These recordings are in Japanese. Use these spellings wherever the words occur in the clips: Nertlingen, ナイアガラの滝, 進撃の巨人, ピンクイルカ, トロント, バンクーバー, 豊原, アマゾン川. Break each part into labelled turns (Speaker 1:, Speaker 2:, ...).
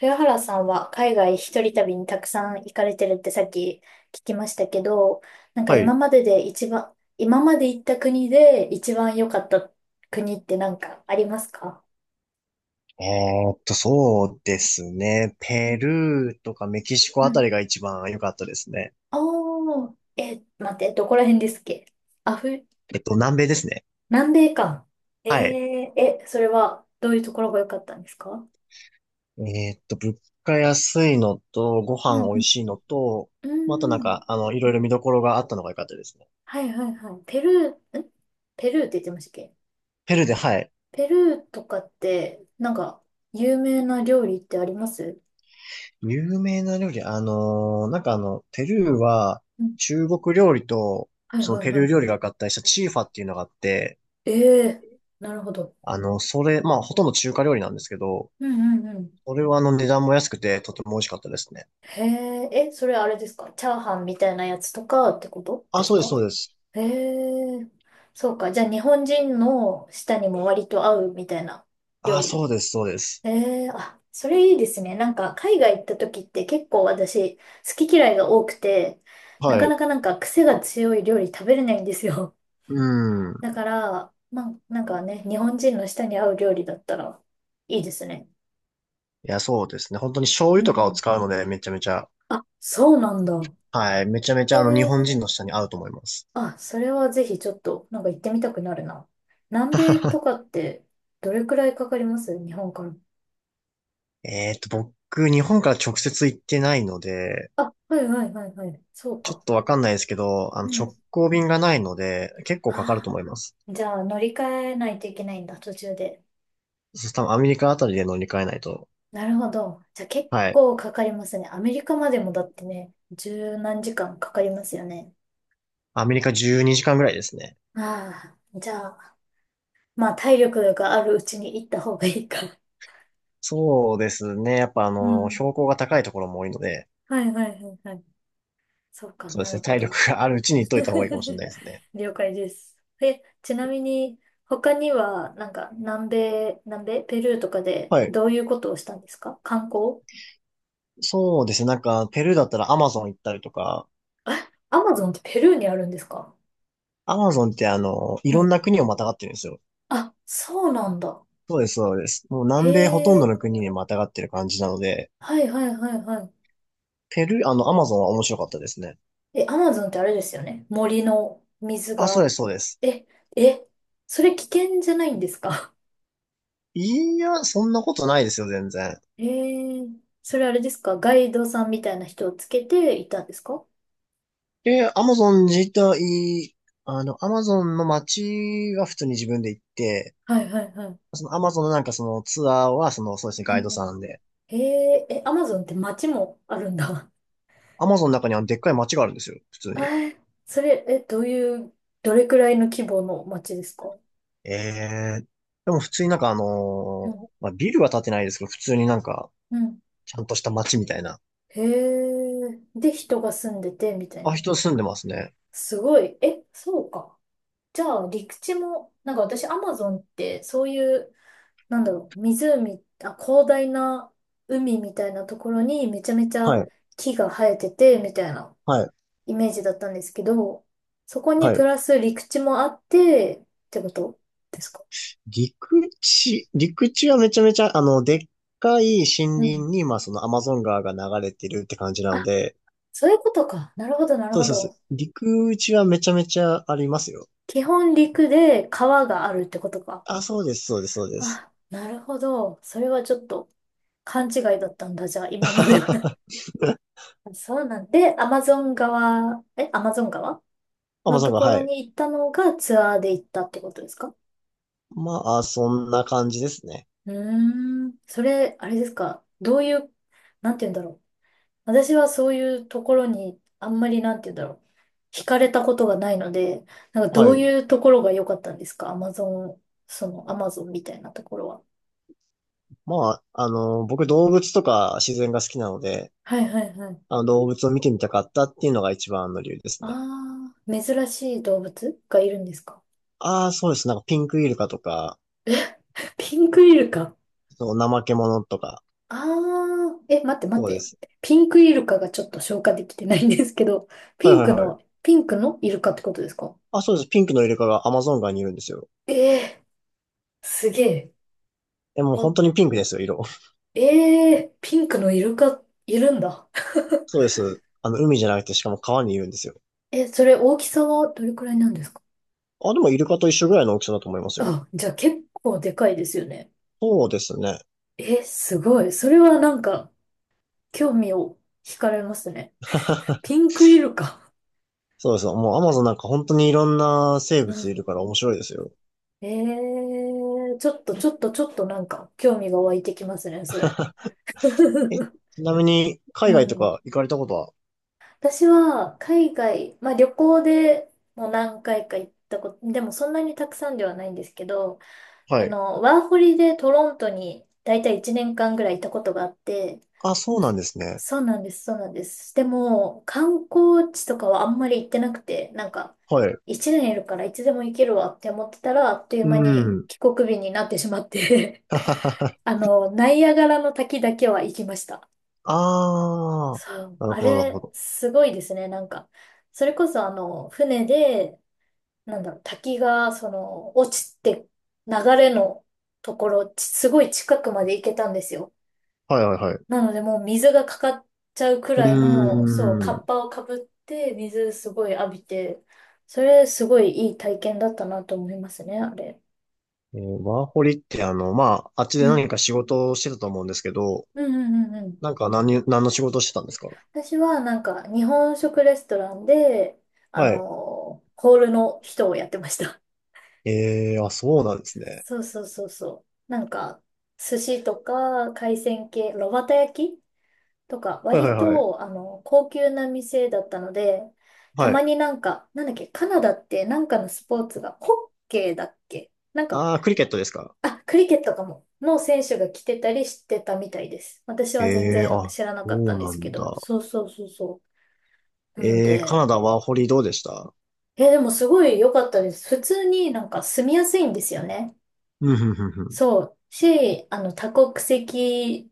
Speaker 1: 豊原さんは海外一人旅にたくさん行かれてるってさっき聞きましたけど、なんか
Speaker 2: はい。
Speaker 1: 今まで行った国で一番良かった国ってなんかありますか？
Speaker 2: えそうですね。
Speaker 1: う
Speaker 2: ペ
Speaker 1: ん
Speaker 2: ルーとかメキシコ
Speaker 1: う
Speaker 2: あた
Speaker 1: ん。
Speaker 2: りが一番良かったですね。
Speaker 1: 待って、どこら辺ですっけ？アフ、
Speaker 2: 南米ですね。
Speaker 1: 南米か。え
Speaker 2: はい。
Speaker 1: ー、え、それはどういうところが良かったんですか？
Speaker 2: 物価安いのと、ご
Speaker 1: う
Speaker 2: 飯
Speaker 1: ん
Speaker 2: 美
Speaker 1: う
Speaker 2: 味
Speaker 1: ん。
Speaker 2: しいのと、
Speaker 1: う
Speaker 2: まああとな
Speaker 1: ー
Speaker 2: ん
Speaker 1: ん。
Speaker 2: か、いろいろ見どころがあったのが良かったですね。
Speaker 1: はいはいはい。ペルーって言ってましたっけ？
Speaker 2: ペルーで、はい。
Speaker 1: ペルーとかって、なんか、有名な料理ってあります？
Speaker 2: 有名な料理、なんかペルーは、
Speaker 1: うん。
Speaker 2: 中国料理と、
Speaker 1: はい
Speaker 2: その
Speaker 1: はい
Speaker 2: ペ
Speaker 1: は
Speaker 2: ルー料
Speaker 1: い。
Speaker 2: 理が合体したチーファっていうのがあって、
Speaker 1: ええ、なるほど。
Speaker 2: それ、まあ、ほとんど中華料理なんですけど、
Speaker 1: うんうんうん。
Speaker 2: それは値段も安くて、とても美味しかったですね。
Speaker 1: へえ、え、それあれですか、チャーハンみたいなやつとかってこと
Speaker 2: あ、
Speaker 1: です
Speaker 2: そうです、
Speaker 1: か？
Speaker 2: そうです。
Speaker 1: へえ、そうか。じゃあ日本人の舌にも割と合うみたいな料
Speaker 2: あ、そ
Speaker 1: 理。
Speaker 2: うです、そうです。
Speaker 1: へえ、あ、それいいですね。なんか海外行った時って結構私好き嫌いが多くて、な
Speaker 2: は
Speaker 1: かな
Speaker 2: い。
Speaker 1: かなんか癖が強い料理食べれないんですよ。
Speaker 2: うん。い
Speaker 1: だから、まあ、なんかね、日本人の舌に合う料理だったらいいですね。
Speaker 2: や、そうですね。本当に醤油
Speaker 1: う
Speaker 2: とかを
Speaker 1: ん。
Speaker 2: 使うので、めちゃめちゃ、
Speaker 1: あ、そうなんだ。
Speaker 2: はい。めちゃめち
Speaker 1: え
Speaker 2: ゃ、日本
Speaker 1: ー、
Speaker 2: 人の舌に合うと思います。
Speaker 1: あ、それはぜひちょっと、なんか行ってみたくなるな。南米とかって、どれくらいかかります日本から？
Speaker 2: 僕、日本から直接行ってないので、
Speaker 1: あ、はいはいはいはい。そう
Speaker 2: ちょっ
Speaker 1: か。
Speaker 2: とわかんないですけど、
Speaker 1: うん。
Speaker 2: 直行便がないので、結構かかる
Speaker 1: あ
Speaker 2: と思います。
Speaker 1: あ、じゃあ乗り換えないといけないんだ、途中で。
Speaker 2: そう多分アメリカあたりで乗り換えないと。
Speaker 1: なるほど。じゃあ結
Speaker 2: はい。
Speaker 1: 構かかりますね。アメリカまでもだってね、十何時間かかりますよね。
Speaker 2: アメリカ12時間ぐらいですね。
Speaker 1: ああ、じゃあ、まあ、体力があるうちに行った方がいいか。
Speaker 2: そうですね。やっぱ、
Speaker 1: うん。
Speaker 2: 標高が高いところも多いので、
Speaker 1: はいはいはいはい。そうか、
Speaker 2: そう
Speaker 1: な
Speaker 2: です
Speaker 1: る
Speaker 2: ね。
Speaker 1: ほ
Speaker 2: 体力
Speaker 1: ど。
Speaker 2: があるうちに行っといた方がいいかもしれな いですね。
Speaker 1: 了解です。え、ちなみに、他には、なんか、南米、ペルーとかで、
Speaker 2: はい、
Speaker 1: どういうことをしたんですか、観光？
Speaker 2: そうですね。なんか、ペルーだったらアマゾン行ったりとか、
Speaker 1: あ アマゾンってペルーにあるんですか？
Speaker 2: アマゾンってい
Speaker 1: う
Speaker 2: ろん
Speaker 1: ん。
Speaker 2: な国をまたがってるんですよ。
Speaker 1: あ、そうなんだ。
Speaker 2: そうです、そうです。もう
Speaker 1: へ
Speaker 2: 南米ほとんどの
Speaker 1: え、
Speaker 2: 国にまたがってる感じなので、
Speaker 1: はいはいはいは
Speaker 2: ペルー、アマゾンは面白かったですね。
Speaker 1: い。え、アマゾンってあれですよね。森の水
Speaker 2: あ、そう
Speaker 1: が。
Speaker 2: です、そうです。
Speaker 1: え、え、それ危険じゃないんですか？
Speaker 2: いや、そんなことないですよ、全然。
Speaker 1: ええ、それあれですか、ガイドさんみたいな人をつけていたんですか？
Speaker 2: で、アマゾン自体、アマゾンの街は普通に自分で行って、
Speaker 1: はいはいはい。
Speaker 2: そのアマゾンのなんかそのツアーは、その、そうですね、
Speaker 1: う
Speaker 2: ガイド
Speaker 1: んうん。
Speaker 2: さんで。
Speaker 1: えええ、アマゾンって街もあるんだ。
Speaker 2: アマゾンの中にはでっかい街があるんですよ、普通
Speaker 1: え
Speaker 2: に。
Speaker 1: それ、え、どういう、どれくらいの規模の街ですか？
Speaker 2: ええでも普通になんか
Speaker 1: うん、
Speaker 2: まあ、ビルは建てないですけど、普通になんか、
Speaker 1: うん。
Speaker 2: ちゃんとした街みたいな。
Speaker 1: へえ、で、人が住んでて、みたい
Speaker 2: あ、
Speaker 1: な。
Speaker 2: 人住んでますね。
Speaker 1: すごい。え、そうか。じゃあ、陸地も、なんか私、アマゾンって、そういうなんだろう、湖、あ、広大な海みたいなところにめちゃめち
Speaker 2: は
Speaker 1: ゃ
Speaker 2: い、
Speaker 1: 木が生えてて、みたいな
Speaker 2: はい、
Speaker 1: イメージだったんですけど、そこに
Speaker 2: は
Speaker 1: プ
Speaker 2: い。
Speaker 1: ラス陸地もあって、ってことですか？
Speaker 2: 陸地はめちゃめちゃ、でっかい森林
Speaker 1: うん。
Speaker 2: に、まあ、そのアマゾン川が流れてるって感じなの
Speaker 1: あ、
Speaker 2: で、
Speaker 1: そういうことか。なるほど、なる
Speaker 2: そう
Speaker 1: ほ
Speaker 2: です、そう
Speaker 1: ど。
Speaker 2: です。陸地はめちゃめちゃありますよ。
Speaker 1: 基本陸で川があるってことか。
Speaker 2: あ、そうです、そうです、そうです。
Speaker 1: あ、なるほど。それはちょっと勘違いだったんだ、じゃあ、今までは。そうなんで、アマゾン川
Speaker 2: アマ
Speaker 1: の
Speaker 2: ゾン
Speaker 1: と
Speaker 2: 川、
Speaker 1: こ
Speaker 2: は
Speaker 1: ろ
Speaker 2: い。
Speaker 1: に行ったのがツアーで行ったってことですか？
Speaker 2: まあ、そんな感じですね。
Speaker 1: うーん。それ、あれですか、どういう、なんて言うんだろう。私はそういうところにあんまりなんて言うんだろう。惹かれたことがないので、なんかど
Speaker 2: は
Speaker 1: う
Speaker 2: い。
Speaker 1: いうところが良かったんですか、アマゾン、そのアマゾンみたいなところは？
Speaker 2: まあ、僕動物とか自然が好きなので、
Speaker 1: はいはいはい。
Speaker 2: あの動物を見てみたかったっていうのが一番の理由ですね。
Speaker 1: ああ、珍しい動物がいるんですか？
Speaker 2: ああ、そうです。なんかピンクイルカとか、
Speaker 1: ピンクイルカ。
Speaker 2: その怠け者とか、
Speaker 1: ああ、え、待って待っ
Speaker 2: そうで
Speaker 1: て。
Speaker 2: す。
Speaker 1: ピンクイルカがちょっと消化できてないんですけど、ピ
Speaker 2: はい
Speaker 1: ン
Speaker 2: はい
Speaker 1: ク
Speaker 2: はい。
Speaker 1: の、ピンクのイルカってことですか？
Speaker 2: あ、そうです。ピンクのイルカがアマゾン川にいるんですよ。
Speaker 1: ええ、すげえ。
Speaker 2: え、もう
Speaker 1: あ、
Speaker 2: 本当にピンクですよ、色。
Speaker 1: ええ、ピンクのイルカ、いるんだ。
Speaker 2: そうです。海じゃなくてしかも川にいるんですよ。
Speaker 1: え、それ大きさはどれくらいなんですか？
Speaker 2: あ、でもイルカと一緒ぐらいの大きさだと思いますよ。
Speaker 1: あ、じゃあ結構でかいですよね？
Speaker 2: そうですね。
Speaker 1: え、すごい。それはなんか、興味を惹かれますね。ピンクイルカ。
Speaker 2: そうです。もうアマゾンなんか本当にいろんな生
Speaker 1: う
Speaker 2: 物いる
Speaker 1: ん。
Speaker 2: から面白いですよ。
Speaker 1: ええ、ちょっとちょっとちょっとなんか、興味が湧いてきますね、それ。
Speaker 2: え、ちなみに
Speaker 1: う
Speaker 2: 海外と
Speaker 1: ん。
Speaker 2: か行かれたことは？
Speaker 1: 私は海外、まあ旅行でもう何回か行ったこと、でもそんなにたくさんではないんですけど、
Speaker 2: は
Speaker 1: あ
Speaker 2: い。
Speaker 1: の、ワーホリでトロントに大体1年間ぐらいいたことがあって、
Speaker 2: あ、そうなんですね。
Speaker 1: そうなんです、そうなんです。でも、観光地とかはあんまり行ってなくて、なんか、
Speaker 2: はい。
Speaker 1: 1年いるからいつでも行けるわって思ってたら、あっという
Speaker 2: う
Speaker 1: 間に
Speaker 2: ん。
Speaker 1: 帰国日になってしまって
Speaker 2: はははは。
Speaker 1: あの、ナイアガラの滝だけは行きました。
Speaker 2: ああ、
Speaker 1: そう、
Speaker 2: なる
Speaker 1: あ
Speaker 2: ほど、なるほ
Speaker 1: れ、
Speaker 2: ど。
Speaker 1: すごいですね。なんか、それこそあの、船で、なんだろう、滝が、その、落ちて、流れのところ、すごい近くまで行けたんですよ。
Speaker 2: はいはいはい。
Speaker 1: なので、もう水がかかっちゃうく
Speaker 2: うー
Speaker 1: らいの、そう、カッ
Speaker 2: ん。
Speaker 1: パをかぶって、水すごい浴びて、それ、すごいいい体験だったなと思いますね、あれ。
Speaker 2: ワーホリってまあ、あっち
Speaker 1: う
Speaker 2: で
Speaker 1: ん。
Speaker 2: 何か仕事をしてたと思うんですけど、
Speaker 1: うんうんうんうん。
Speaker 2: なんか何の仕事をしてたんですか？
Speaker 1: 私は、なんか、日本食レストランで、あ
Speaker 2: はい。
Speaker 1: の、ホールの人をやってました。
Speaker 2: ええ、あ、そうなんですね。
Speaker 1: そうそうそうそう。なんか、寿司とか海鮮系、炉端焼きとか、
Speaker 2: はいはい
Speaker 1: 割
Speaker 2: はい。
Speaker 1: と、あの、高級な店だったので、た
Speaker 2: は
Speaker 1: ま
Speaker 2: い。
Speaker 1: になんか、なんだっけ、カナダってなんかのスポーツが、ホッケーだっけなんか、
Speaker 2: あー、クリケットですか？
Speaker 1: あ、クリケットかも、の選手が来てたりしてたみたいです。私は全
Speaker 2: えー、
Speaker 1: 然
Speaker 2: あ、
Speaker 1: 知らなかっ
Speaker 2: そ
Speaker 1: た
Speaker 2: う
Speaker 1: んで
Speaker 2: な
Speaker 1: すけ
Speaker 2: んだ。
Speaker 1: ど、そうそうそうそう。なの
Speaker 2: カ
Speaker 1: で、
Speaker 2: ナダワーホリどうでした？
Speaker 1: え、でもすごい良かったです。普通になんか住みやすいんですよね。
Speaker 2: うん、ふんふんふん。
Speaker 1: そう。あの、多国籍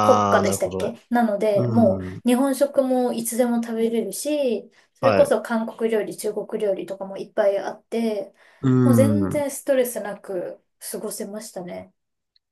Speaker 1: 国家
Speaker 2: ー、な
Speaker 1: で
Speaker 2: る
Speaker 1: した
Speaker 2: ほ
Speaker 1: っ
Speaker 2: ど。
Speaker 1: け、なので、も
Speaker 2: うん。
Speaker 1: う日本食もいつでも食べれるし、それ
Speaker 2: は
Speaker 1: こ
Speaker 2: い。
Speaker 1: そ韓国料理、中国料理とかもいっぱいあって、
Speaker 2: う
Speaker 1: もう全
Speaker 2: ん。
Speaker 1: 然ストレスなく過ごせましたね。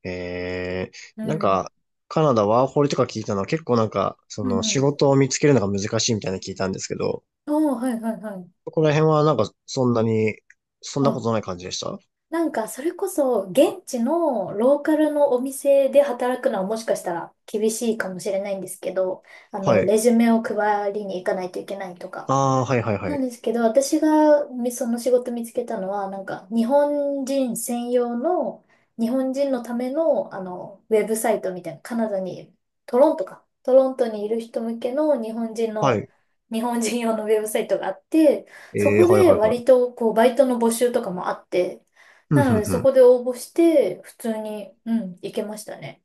Speaker 2: え
Speaker 1: う
Speaker 2: ー、なん
Speaker 1: ん。
Speaker 2: か、カナダワーホリとか聞いたのは結構なんか、そ
Speaker 1: うん
Speaker 2: の
Speaker 1: う
Speaker 2: 仕
Speaker 1: ん。
Speaker 2: 事を見つけるのが難しいみたいなの聞いたんですけど、
Speaker 1: おー、はいはいはい。
Speaker 2: ここら辺はなんかそんなに、そんなこ
Speaker 1: あ、
Speaker 2: とない感じでした？
Speaker 1: なんかそれこそ現地のローカルのお店で働くのはもしかしたら厳しいかもしれないんですけど、あ
Speaker 2: は
Speaker 1: の、
Speaker 2: い。
Speaker 1: レジュメを配りに行かないといけないとか。
Speaker 2: ああ、はいはいは
Speaker 1: なん
Speaker 2: い。
Speaker 1: ですけど、私がみその仕事見つけたのは、なんか日本人専用の、日本人のための、あの、ウェブサイトみたいな、カナダに、トロントか、トロントにいる人向けの日本人
Speaker 2: は
Speaker 1: の、
Speaker 2: い。
Speaker 1: 日本人用のウェブサイトがあって、そこ
Speaker 2: はい
Speaker 1: で
Speaker 2: はいは
Speaker 1: 割
Speaker 2: い。
Speaker 1: とこう、バイトの募集とかもあって、
Speaker 2: うん、
Speaker 1: な
Speaker 2: ふ
Speaker 1: の
Speaker 2: ん
Speaker 1: で
Speaker 2: ふ
Speaker 1: そ
Speaker 2: ん。
Speaker 1: こで応募して、普通に、うん、行けましたね。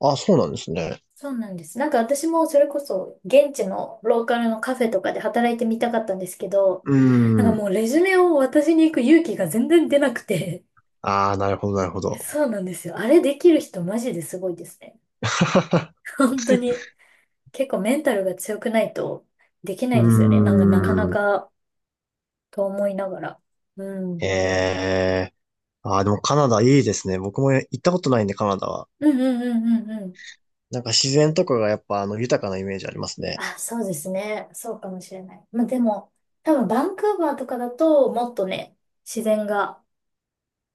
Speaker 2: あ、そうなんですね。
Speaker 1: そうなんです。なんか私もそれこそ現地のローカルのカフェとかで働いてみたかったんですけど、
Speaker 2: うー
Speaker 1: なんかも
Speaker 2: ん。
Speaker 1: うレジュメを渡しに行く勇気が全然出なくて。
Speaker 2: ああ、なるほどなるほど。
Speaker 1: そうなんですよ。あれできる人マジですごいですね。本当に。結構メンタルが強くないとできないですよね。
Speaker 2: う
Speaker 1: な
Speaker 2: ー
Speaker 1: んかなかな
Speaker 2: ん。
Speaker 1: かと思いながら。う
Speaker 2: え
Speaker 1: ん。
Speaker 2: えああでもカナダいいですね。僕も行ったことないんでカナダは。
Speaker 1: うんうんうんうんうん。
Speaker 2: なんか自然とかがやっぱ豊かなイメージありますね。
Speaker 1: あ、そうですね。そうかもしれない。まあでも、多分バンクーバーとかだともっとね、自然が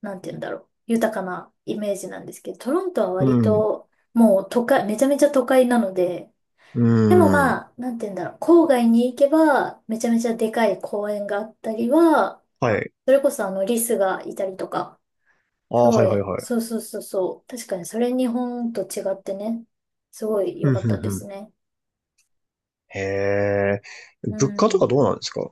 Speaker 1: なんて言うんだろう、豊かなイメージなんですけど、トロントは
Speaker 2: う
Speaker 1: 割
Speaker 2: ん。
Speaker 1: ともう都会、めちゃめちゃ都会なので、
Speaker 2: う
Speaker 1: でも
Speaker 2: ーん。
Speaker 1: まあ、なんて言うんだろう、郊外に行けば、めちゃめちゃでかい公園があったりは、
Speaker 2: はい。
Speaker 1: それこそあのリスがいたりとか、
Speaker 2: あ
Speaker 1: す
Speaker 2: あ、は
Speaker 1: ご
Speaker 2: いはい
Speaker 1: い、
Speaker 2: はい。
Speaker 1: そうそうそうそう、確かにそれ日本と違ってね、すごい良
Speaker 2: ふん
Speaker 1: かっ
Speaker 2: ふん
Speaker 1: た
Speaker 2: ふ
Speaker 1: です
Speaker 2: ん。
Speaker 1: ね。
Speaker 2: へえ。
Speaker 1: う
Speaker 2: 物価とか
Speaker 1: ん。
Speaker 2: どうなんですか？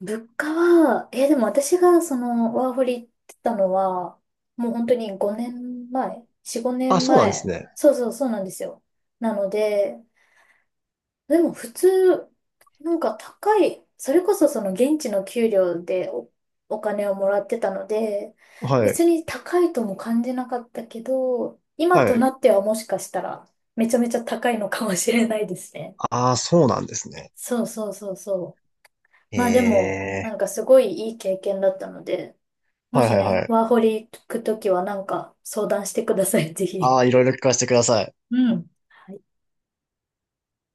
Speaker 1: 物価は、でも私がそのワーホリ行ってたのは、もう本当に5年前、4、5
Speaker 2: あ、そう
Speaker 1: 年
Speaker 2: なんです
Speaker 1: 前。
Speaker 2: ね。
Speaker 1: そうそうそうなんですよ。なので、でも普通、なんか高い、それこそその現地の給料でお金をもらってたので、
Speaker 2: はい。
Speaker 1: 別に高いとも感じなかったけど、今
Speaker 2: は
Speaker 1: と
Speaker 2: い。
Speaker 1: なってはもしかしたらめちゃめちゃ高いのかもしれないですね。
Speaker 2: ああ、そうなんですね。
Speaker 1: そうそうそうそう。
Speaker 2: へ
Speaker 1: まあでも、なん
Speaker 2: え。
Speaker 1: かすごいいい経験だったので、も
Speaker 2: はい
Speaker 1: し
Speaker 2: はいは
Speaker 1: ね、
Speaker 2: い。
Speaker 1: ワーホリ行くときはなんか相談してください、ぜ
Speaker 2: あ
Speaker 1: ひ。
Speaker 2: あ、いろいろ聞かせてください。
Speaker 1: うん。はい。